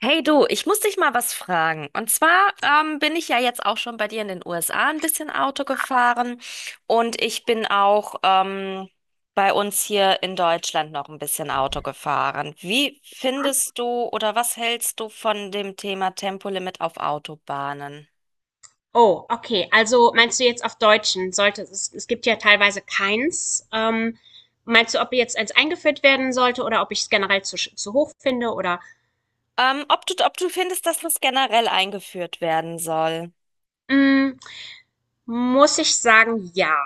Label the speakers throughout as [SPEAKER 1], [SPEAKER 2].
[SPEAKER 1] Hey du, ich muss dich mal was fragen. Und zwar bin ich ja jetzt auch schon bei dir in den USA ein bisschen Auto gefahren und ich bin auch bei uns hier in Deutschland noch ein bisschen Auto gefahren. Wie findest du oder was hältst du von dem Thema Tempolimit auf Autobahnen?
[SPEAKER 2] Oh, okay. Also meinst du jetzt auf Deutschen? Es gibt ja teilweise keins. Meinst du, ob jetzt eins eingeführt werden sollte oder ob ich es generell zu hoch finde?
[SPEAKER 1] Ob du findest, dass das generell eingeführt werden soll?
[SPEAKER 2] Mm, Muss ich sagen, ja.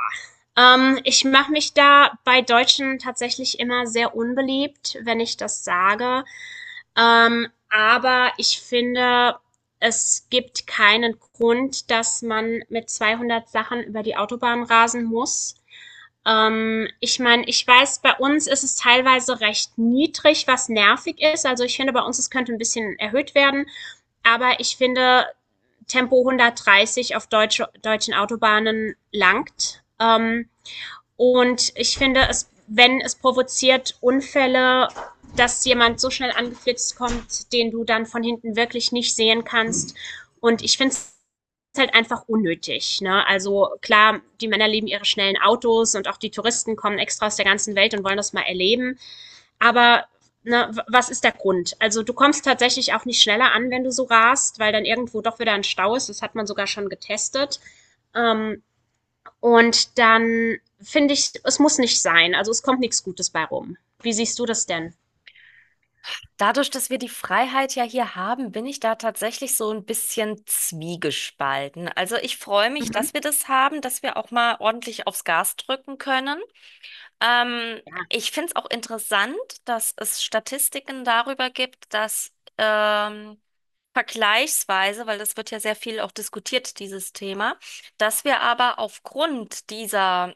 [SPEAKER 2] Ich mache mich da bei Deutschen tatsächlich immer sehr unbeliebt, wenn ich das sage. Aber ich finde, es gibt keinen Grund, dass man mit 200 Sachen über die Autobahn rasen muss. Ich meine, ich weiß, bei uns ist es teilweise recht niedrig, was nervig ist. Also ich finde, bei uns es könnte ein bisschen erhöht werden. Aber ich finde, Tempo 130 auf deutschen Autobahnen langt. Und ich finde, es, wenn es provoziert Unfälle, dass jemand so schnell angeflitzt kommt, den du dann von hinten wirklich nicht sehen kannst. Und ich finde es halt einfach unnötig. Ne? Also klar, die Männer lieben ihre schnellen Autos und auch die Touristen kommen extra aus der ganzen Welt und wollen das mal erleben. Aber ne, was ist der Grund? Also du kommst tatsächlich auch nicht schneller an, wenn du so rast, weil dann irgendwo doch wieder ein Stau ist. Das hat man sogar schon getestet. Ähm, und dann finde ich, es muss nicht sein. Also es kommt nichts Gutes bei rum. Wie siehst du das denn?
[SPEAKER 1] Dadurch, dass wir die Freiheit ja hier haben, bin ich da tatsächlich so ein bisschen zwiegespalten. Also ich freue mich,
[SPEAKER 2] Mhm.
[SPEAKER 1] dass wir das haben, dass wir auch mal ordentlich aufs Gas drücken können. Ähm,
[SPEAKER 2] Ja.
[SPEAKER 1] Ich finde es auch interessant, dass es Statistiken darüber gibt, dass ähm, vergleichsweise, weil das wird ja sehr viel auch diskutiert, dieses Thema, dass wir aber aufgrund dieser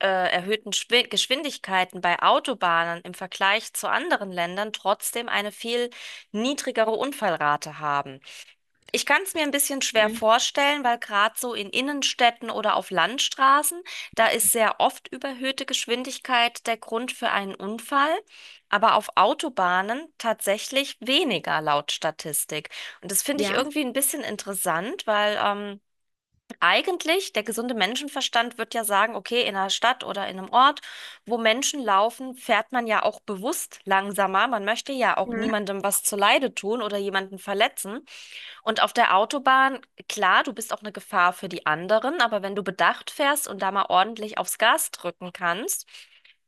[SPEAKER 1] erhöhten Geschwindigkeiten bei Autobahnen im Vergleich zu anderen Ländern trotzdem eine viel niedrigere Unfallrate haben. Ich kann es mir ein bisschen schwer
[SPEAKER 2] Mhm.
[SPEAKER 1] vorstellen, weil gerade so in Innenstädten oder auf Landstraßen da ist sehr oft überhöhte Geschwindigkeit der Grund für einen Unfall. Aber auf Autobahnen tatsächlich weniger laut Statistik. Und das finde ich
[SPEAKER 2] Ja.
[SPEAKER 1] irgendwie ein bisschen interessant, weil eigentlich, der gesunde Menschenverstand wird ja sagen, okay, in einer Stadt oder in einem Ort, wo Menschen laufen, fährt man ja auch bewusst langsamer. Man möchte ja auch
[SPEAKER 2] Mhm.
[SPEAKER 1] niemandem was zuleide tun oder jemanden verletzen. Und auf der Autobahn, klar, du bist auch eine Gefahr für die anderen, aber wenn du bedacht fährst und da mal ordentlich aufs Gas drücken kannst,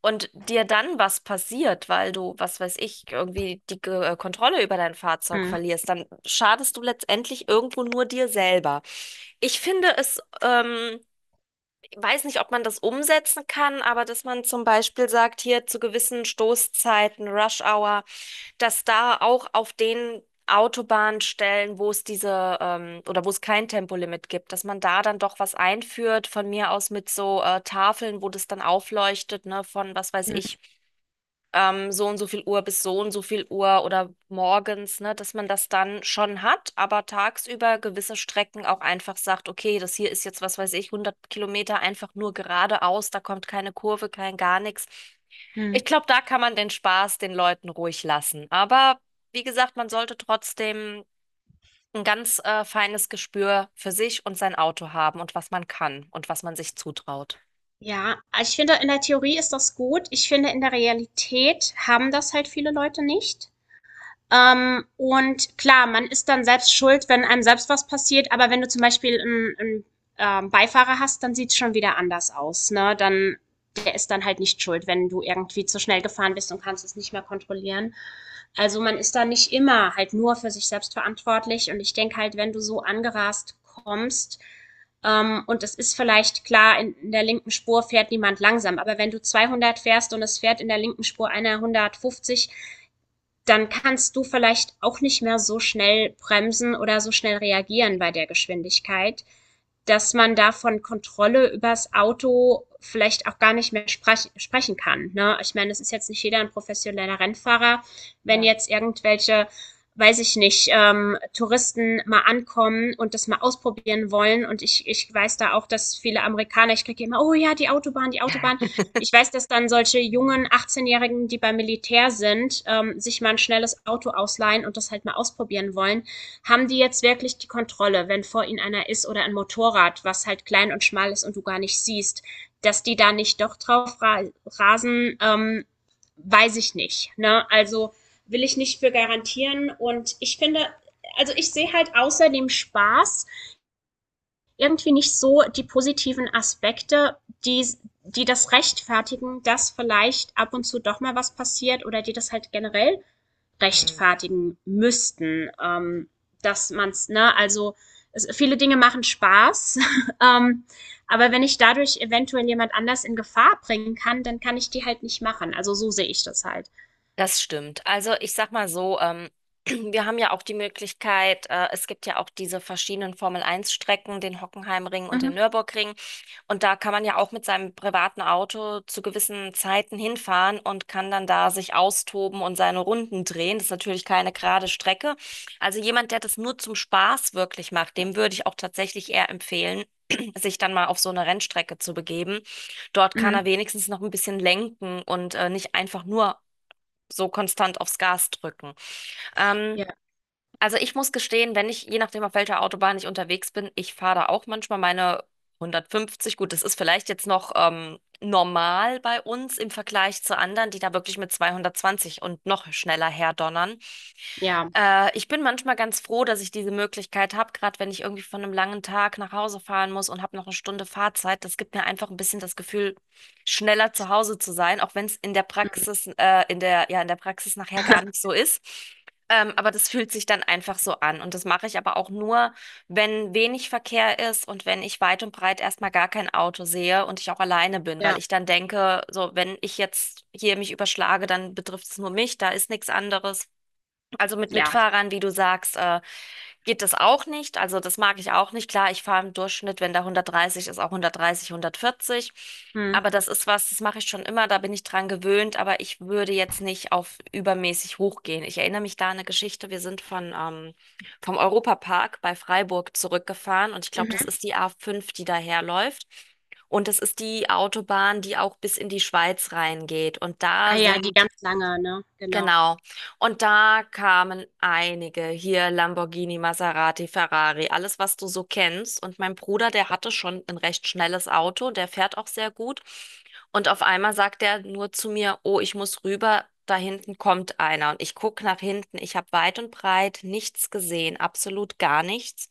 [SPEAKER 1] und dir dann was passiert, weil du, was weiß ich, irgendwie die Kontrolle über dein Fahrzeug
[SPEAKER 2] Mhm.
[SPEAKER 1] verlierst, dann schadest du letztendlich irgendwo nur dir selber. Ich finde es, weiß nicht, ob man das umsetzen kann, aber dass man zum Beispiel sagt, hier zu gewissen Stoßzeiten, Rush Hour, dass da auch auf den Autobahnstellen, wo es diese oder wo es kein Tempolimit gibt, dass man da dann doch was einführt, von mir aus mit so Tafeln, wo das dann aufleuchtet, ne, von was weiß ich,
[SPEAKER 2] Mhm.
[SPEAKER 1] so und so viel Uhr bis so und so viel Uhr oder morgens, ne, dass man das dann schon hat, aber tagsüber gewisse Strecken auch einfach sagt, okay, das hier ist jetzt, was weiß ich, 100 Kilometer einfach nur geradeaus, da kommt keine Kurve, kein gar nichts.
[SPEAKER 2] Mhm.
[SPEAKER 1] Ich glaube, da kann man den Spaß den Leuten ruhig lassen. Aber wie gesagt, man sollte trotzdem ein ganz feines Gespür für sich und sein Auto haben und was man kann und was man sich zutraut.
[SPEAKER 2] Ja, ich finde, in der Theorie ist das gut. Ich finde, in der Realität haben das halt viele Leute nicht. Und klar, man ist dann selbst schuld, wenn einem selbst was passiert, aber wenn du zum Beispiel einen Beifahrer hast, dann sieht es schon wieder anders aus. Ne? Dann, der ist dann halt nicht schuld, wenn du irgendwie zu schnell gefahren bist und kannst es nicht mehr kontrollieren. Also man ist da nicht immer halt nur für sich selbst verantwortlich. Und ich denke halt, wenn du so angerast kommst, und es ist vielleicht klar, der linken Spur fährt niemand langsam, aber wenn du 200 fährst und es fährt in der linken Spur einer 150, dann kannst du vielleicht auch nicht mehr so schnell bremsen oder so schnell reagieren bei der Geschwindigkeit, dass man da von Kontrolle übers Auto vielleicht auch gar nicht mehr sprechen kann. Ne? Ich meine, es ist jetzt nicht jeder ein professioneller Rennfahrer. Wenn
[SPEAKER 1] Ja.
[SPEAKER 2] jetzt irgendwelche, weiß ich nicht, Touristen mal ankommen und das mal ausprobieren wollen und ich weiß da auch, dass viele Amerikaner, ich kriege immer, oh ja, die Autobahn, die Autobahn. Ich weiß, dass dann solche jungen 18-Jährigen, die beim Militär sind, sich mal ein schnelles Auto ausleihen und das halt mal ausprobieren wollen. Haben die jetzt wirklich die Kontrolle, wenn vor ihnen einer ist oder ein Motorrad, was halt klein und schmal ist und du gar nicht siehst, dass die da nicht doch drauf rasen, weiß ich nicht. Ne? Also will ich nicht für garantieren. Und ich finde, also ich sehe halt außer dem Spaß irgendwie nicht so die positiven Aspekte, die, die das rechtfertigen, dass vielleicht ab und zu doch mal was passiert oder die das halt generell
[SPEAKER 1] Hm.
[SPEAKER 2] rechtfertigen müssten, dass man's, ne, also es, viele Dinge machen Spaß, ähm, aber wenn ich dadurch eventuell jemand anders in Gefahr bringen kann, dann kann ich die halt nicht machen. Also so sehe ich das halt.
[SPEAKER 1] Das stimmt. Also ich sag mal so, wir haben ja auch die Möglichkeit, es gibt ja auch diese verschiedenen Formel Eins Strecken, den Hockenheimring und
[SPEAKER 2] Mhm.
[SPEAKER 1] den Nürburgring. Und da kann man ja auch mit seinem privaten Auto zu gewissen Zeiten hinfahren und kann dann da sich austoben und seine Runden drehen. Das ist natürlich keine gerade Strecke. Also jemand, der das nur zum Spaß wirklich macht, dem würde ich auch tatsächlich eher empfehlen, sich dann mal auf so eine Rennstrecke zu begeben. Dort kann er
[SPEAKER 2] Mhm.
[SPEAKER 1] wenigstens noch ein bisschen lenken und nicht einfach nur so konstant aufs Gas drücken.
[SPEAKER 2] Ja,
[SPEAKER 1] Ähm, also ich muss gestehen, wenn ich, je nachdem auf welcher Autobahn ich unterwegs bin, ich fahre da auch manchmal meine 150. Gut, das ist vielleicht jetzt noch normal bei uns im Vergleich zu anderen, die da wirklich mit 220 und noch schneller herdonnern.
[SPEAKER 2] ja,
[SPEAKER 1] Ich bin manchmal ganz froh, dass ich diese Möglichkeit habe, gerade wenn ich irgendwie von einem langen Tag nach Hause fahren muss und habe noch eine Stunde Fahrzeit. Das gibt mir einfach ein bisschen das Gefühl, schneller zu Hause zu sein, auch wenn es in der Praxis, ja, in der Praxis nachher gar nicht so ist. Aber das fühlt sich dann einfach so an. Und das mache ich aber auch nur, wenn wenig Verkehr ist und wenn ich weit und breit erstmal gar kein Auto sehe und ich auch alleine bin, weil
[SPEAKER 2] ja,
[SPEAKER 1] ich dann denke, so, wenn ich jetzt hier mich überschlage, dann betrifft es nur mich, da ist nichts anderes. Also mit
[SPEAKER 2] ja.
[SPEAKER 1] Mitfahrern, wie du sagst, geht das auch nicht. Also das mag ich auch nicht. Klar, ich fahre im Durchschnitt, wenn da 130 ist, auch 130, 140.
[SPEAKER 2] Mhm.
[SPEAKER 1] Aber das ist was, das mache ich schon immer, da bin ich dran gewöhnt, aber ich würde jetzt nicht auf übermäßig hochgehen. Ich erinnere mich da an eine Geschichte. Wir sind vom Europapark bei Freiburg zurückgefahren und ich glaube, das
[SPEAKER 2] Mhm.
[SPEAKER 1] ist die A5, die daherläuft. Und das ist die Autobahn, die auch bis in die Schweiz reingeht. Und da
[SPEAKER 2] Ah ja, die
[SPEAKER 1] sind.
[SPEAKER 2] ganz lange, ne? Genau.
[SPEAKER 1] Genau. Und da kamen einige hier, Lamborghini, Maserati, Ferrari, alles, was du so kennst. Und mein Bruder, der hatte schon ein recht schnelles Auto, der fährt auch sehr gut. Und auf einmal sagt er nur zu mir, oh, ich muss rüber, da hinten kommt einer. Und ich gucke nach hinten, ich habe weit und breit nichts gesehen, absolut gar nichts.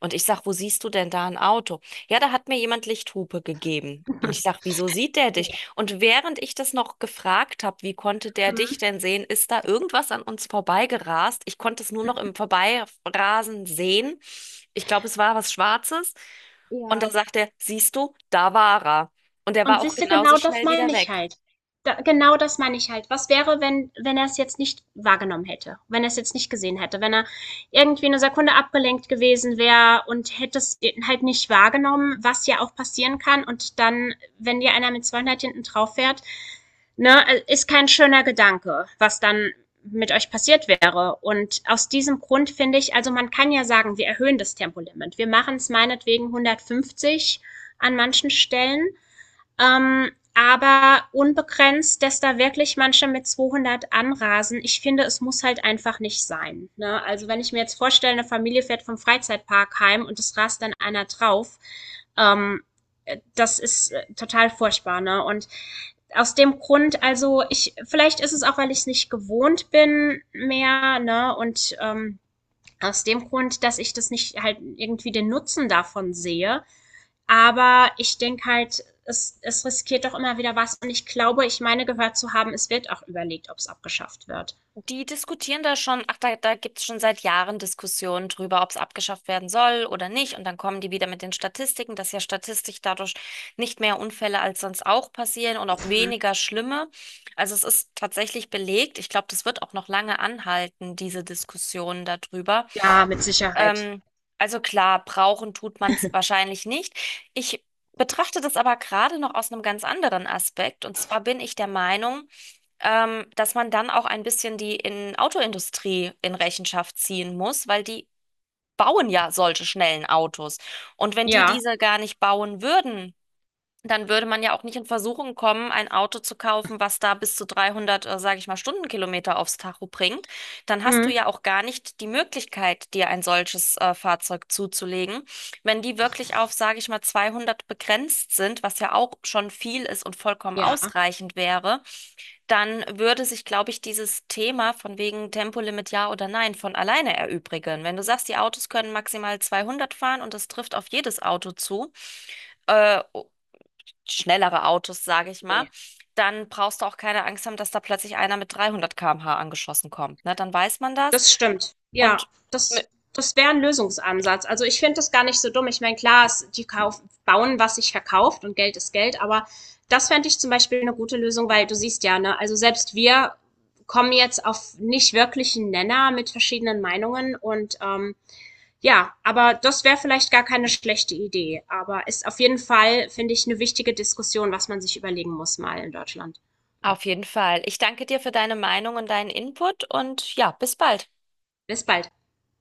[SPEAKER 1] Und ich sag, wo siehst du denn da ein Auto? Ja, da hat mir jemand Lichthupe gegeben. Und ich sag, wieso sieht der dich? Und während ich das noch gefragt habe, wie konnte der dich
[SPEAKER 2] Mhm.
[SPEAKER 1] denn sehen, ist da irgendwas an uns vorbeigerast. Ich konnte es nur noch im Vorbeirasen sehen. Ich glaube, es war was Schwarzes. Und da
[SPEAKER 2] Ja.
[SPEAKER 1] sagt er, siehst du, da war er. Und er war
[SPEAKER 2] Und
[SPEAKER 1] auch
[SPEAKER 2] siehste,
[SPEAKER 1] genauso
[SPEAKER 2] genau das
[SPEAKER 1] schnell
[SPEAKER 2] meine
[SPEAKER 1] wieder
[SPEAKER 2] ich
[SPEAKER 1] weg.
[SPEAKER 2] halt. Da genau das meine ich halt. Was wäre, wenn er es jetzt nicht wahrgenommen hätte? Wenn er es jetzt nicht gesehen hätte? Wenn er irgendwie eine Sekunde abgelenkt gewesen wäre und hätte es halt nicht wahrgenommen, was ja auch passieren kann, und dann, wenn dir einer mit 200 hinten drauf fährt, ne, ist kein schöner Gedanke, was dann mit euch passiert wäre. Und aus diesem Grund finde ich, also man kann ja sagen, wir erhöhen das Tempolimit. Wir machen es meinetwegen 150 an manchen Stellen. Ähm, aber unbegrenzt, dass da wirklich manche mit 200 anrasen, ich finde, es muss halt einfach nicht sein, ne? Also, wenn ich mir jetzt vorstelle, eine Familie fährt vom Freizeitpark heim und es rast dann einer drauf, ähm, das ist, total furchtbar, ne? Und aus dem Grund also, ich vielleicht ist es auch, weil ich es nicht gewohnt bin mehr, ne? Und aus dem Grund, dass ich das nicht halt irgendwie den Nutzen davon sehe, aber ich denke halt, es riskiert doch immer wieder was. Und ich glaube, ich meine gehört zu haben, es wird auch überlegt, ob es abgeschafft wird.
[SPEAKER 1] Die diskutieren da schon, ach, da gibt es schon seit Jahren Diskussionen drüber, ob es abgeschafft werden soll oder nicht. Und dann kommen die wieder mit den Statistiken, dass ja statistisch dadurch nicht mehr Unfälle als sonst auch passieren und auch weniger schlimme. Also es ist tatsächlich belegt. Ich glaube, das wird auch noch lange anhalten, diese Diskussion darüber.
[SPEAKER 2] Ja, mit Sicherheit.
[SPEAKER 1] Ähm, also klar, brauchen tut man es wahrscheinlich nicht. Ich betrachte das aber gerade noch aus einem ganz anderen Aspekt. Und zwar bin ich der Meinung, dass man dann auch ein bisschen die in Autoindustrie in Rechenschaft ziehen muss, weil die bauen ja solche schnellen Autos. Und wenn die
[SPEAKER 2] Ja.
[SPEAKER 1] diese gar nicht bauen würden, dann würde man ja auch nicht in Versuchung kommen, ein Auto zu kaufen, was da bis zu 300, sage ich mal, Stundenkilometer aufs Tacho bringt. Dann hast du
[SPEAKER 2] Mhm.
[SPEAKER 1] ja auch gar nicht die Möglichkeit, dir ein solches, Fahrzeug zuzulegen. Wenn die wirklich auf, sage ich mal, 200 begrenzt sind, was ja auch schon viel ist und vollkommen
[SPEAKER 2] Ja.
[SPEAKER 1] ausreichend wäre, dann würde sich, glaube ich, dieses Thema von wegen Tempolimit ja oder nein von alleine erübrigen. Wenn du sagst, die Autos können maximal 200 fahren und das trifft auf jedes Auto zu, äh, schnellere Autos, sage ich mal,
[SPEAKER 2] Nee.
[SPEAKER 1] dann brauchst du auch keine Angst haben, dass da plötzlich einer mit 300 km/h angeschossen kommt. Ne? Dann weiß man das.
[SPEAKER 2] Das stimmt. Ja,
[SPEAKER 1] Und mi-
[SPEAKER 2] das wäre ein Lösungsansatz. Also ich finde das gar nicht so dumm. Ich meine, klar, es, die kauf, bauen, was sich verkauft und Geld ist Geld, aber das fände ich zum Beispiel eine gute Lösung, weil du siehst ja, ne, also selbst wir kommen jetzt auf nicht wirklichen Nenner mit verschiedenen Meinungen und ja, aber das wäre vielleicht gar keine schlechte Idee. Aber ist auf jeden Fall, finde ich, eine wichtige Diskussion, was man sich überlegen muss mal in Deutschland.
[SPEAKER 1] auf jeden Fall. Ich danke dir für deine Meinung und deinen Input und ja, bis bald.
[SPEAKER 2] Bis bald.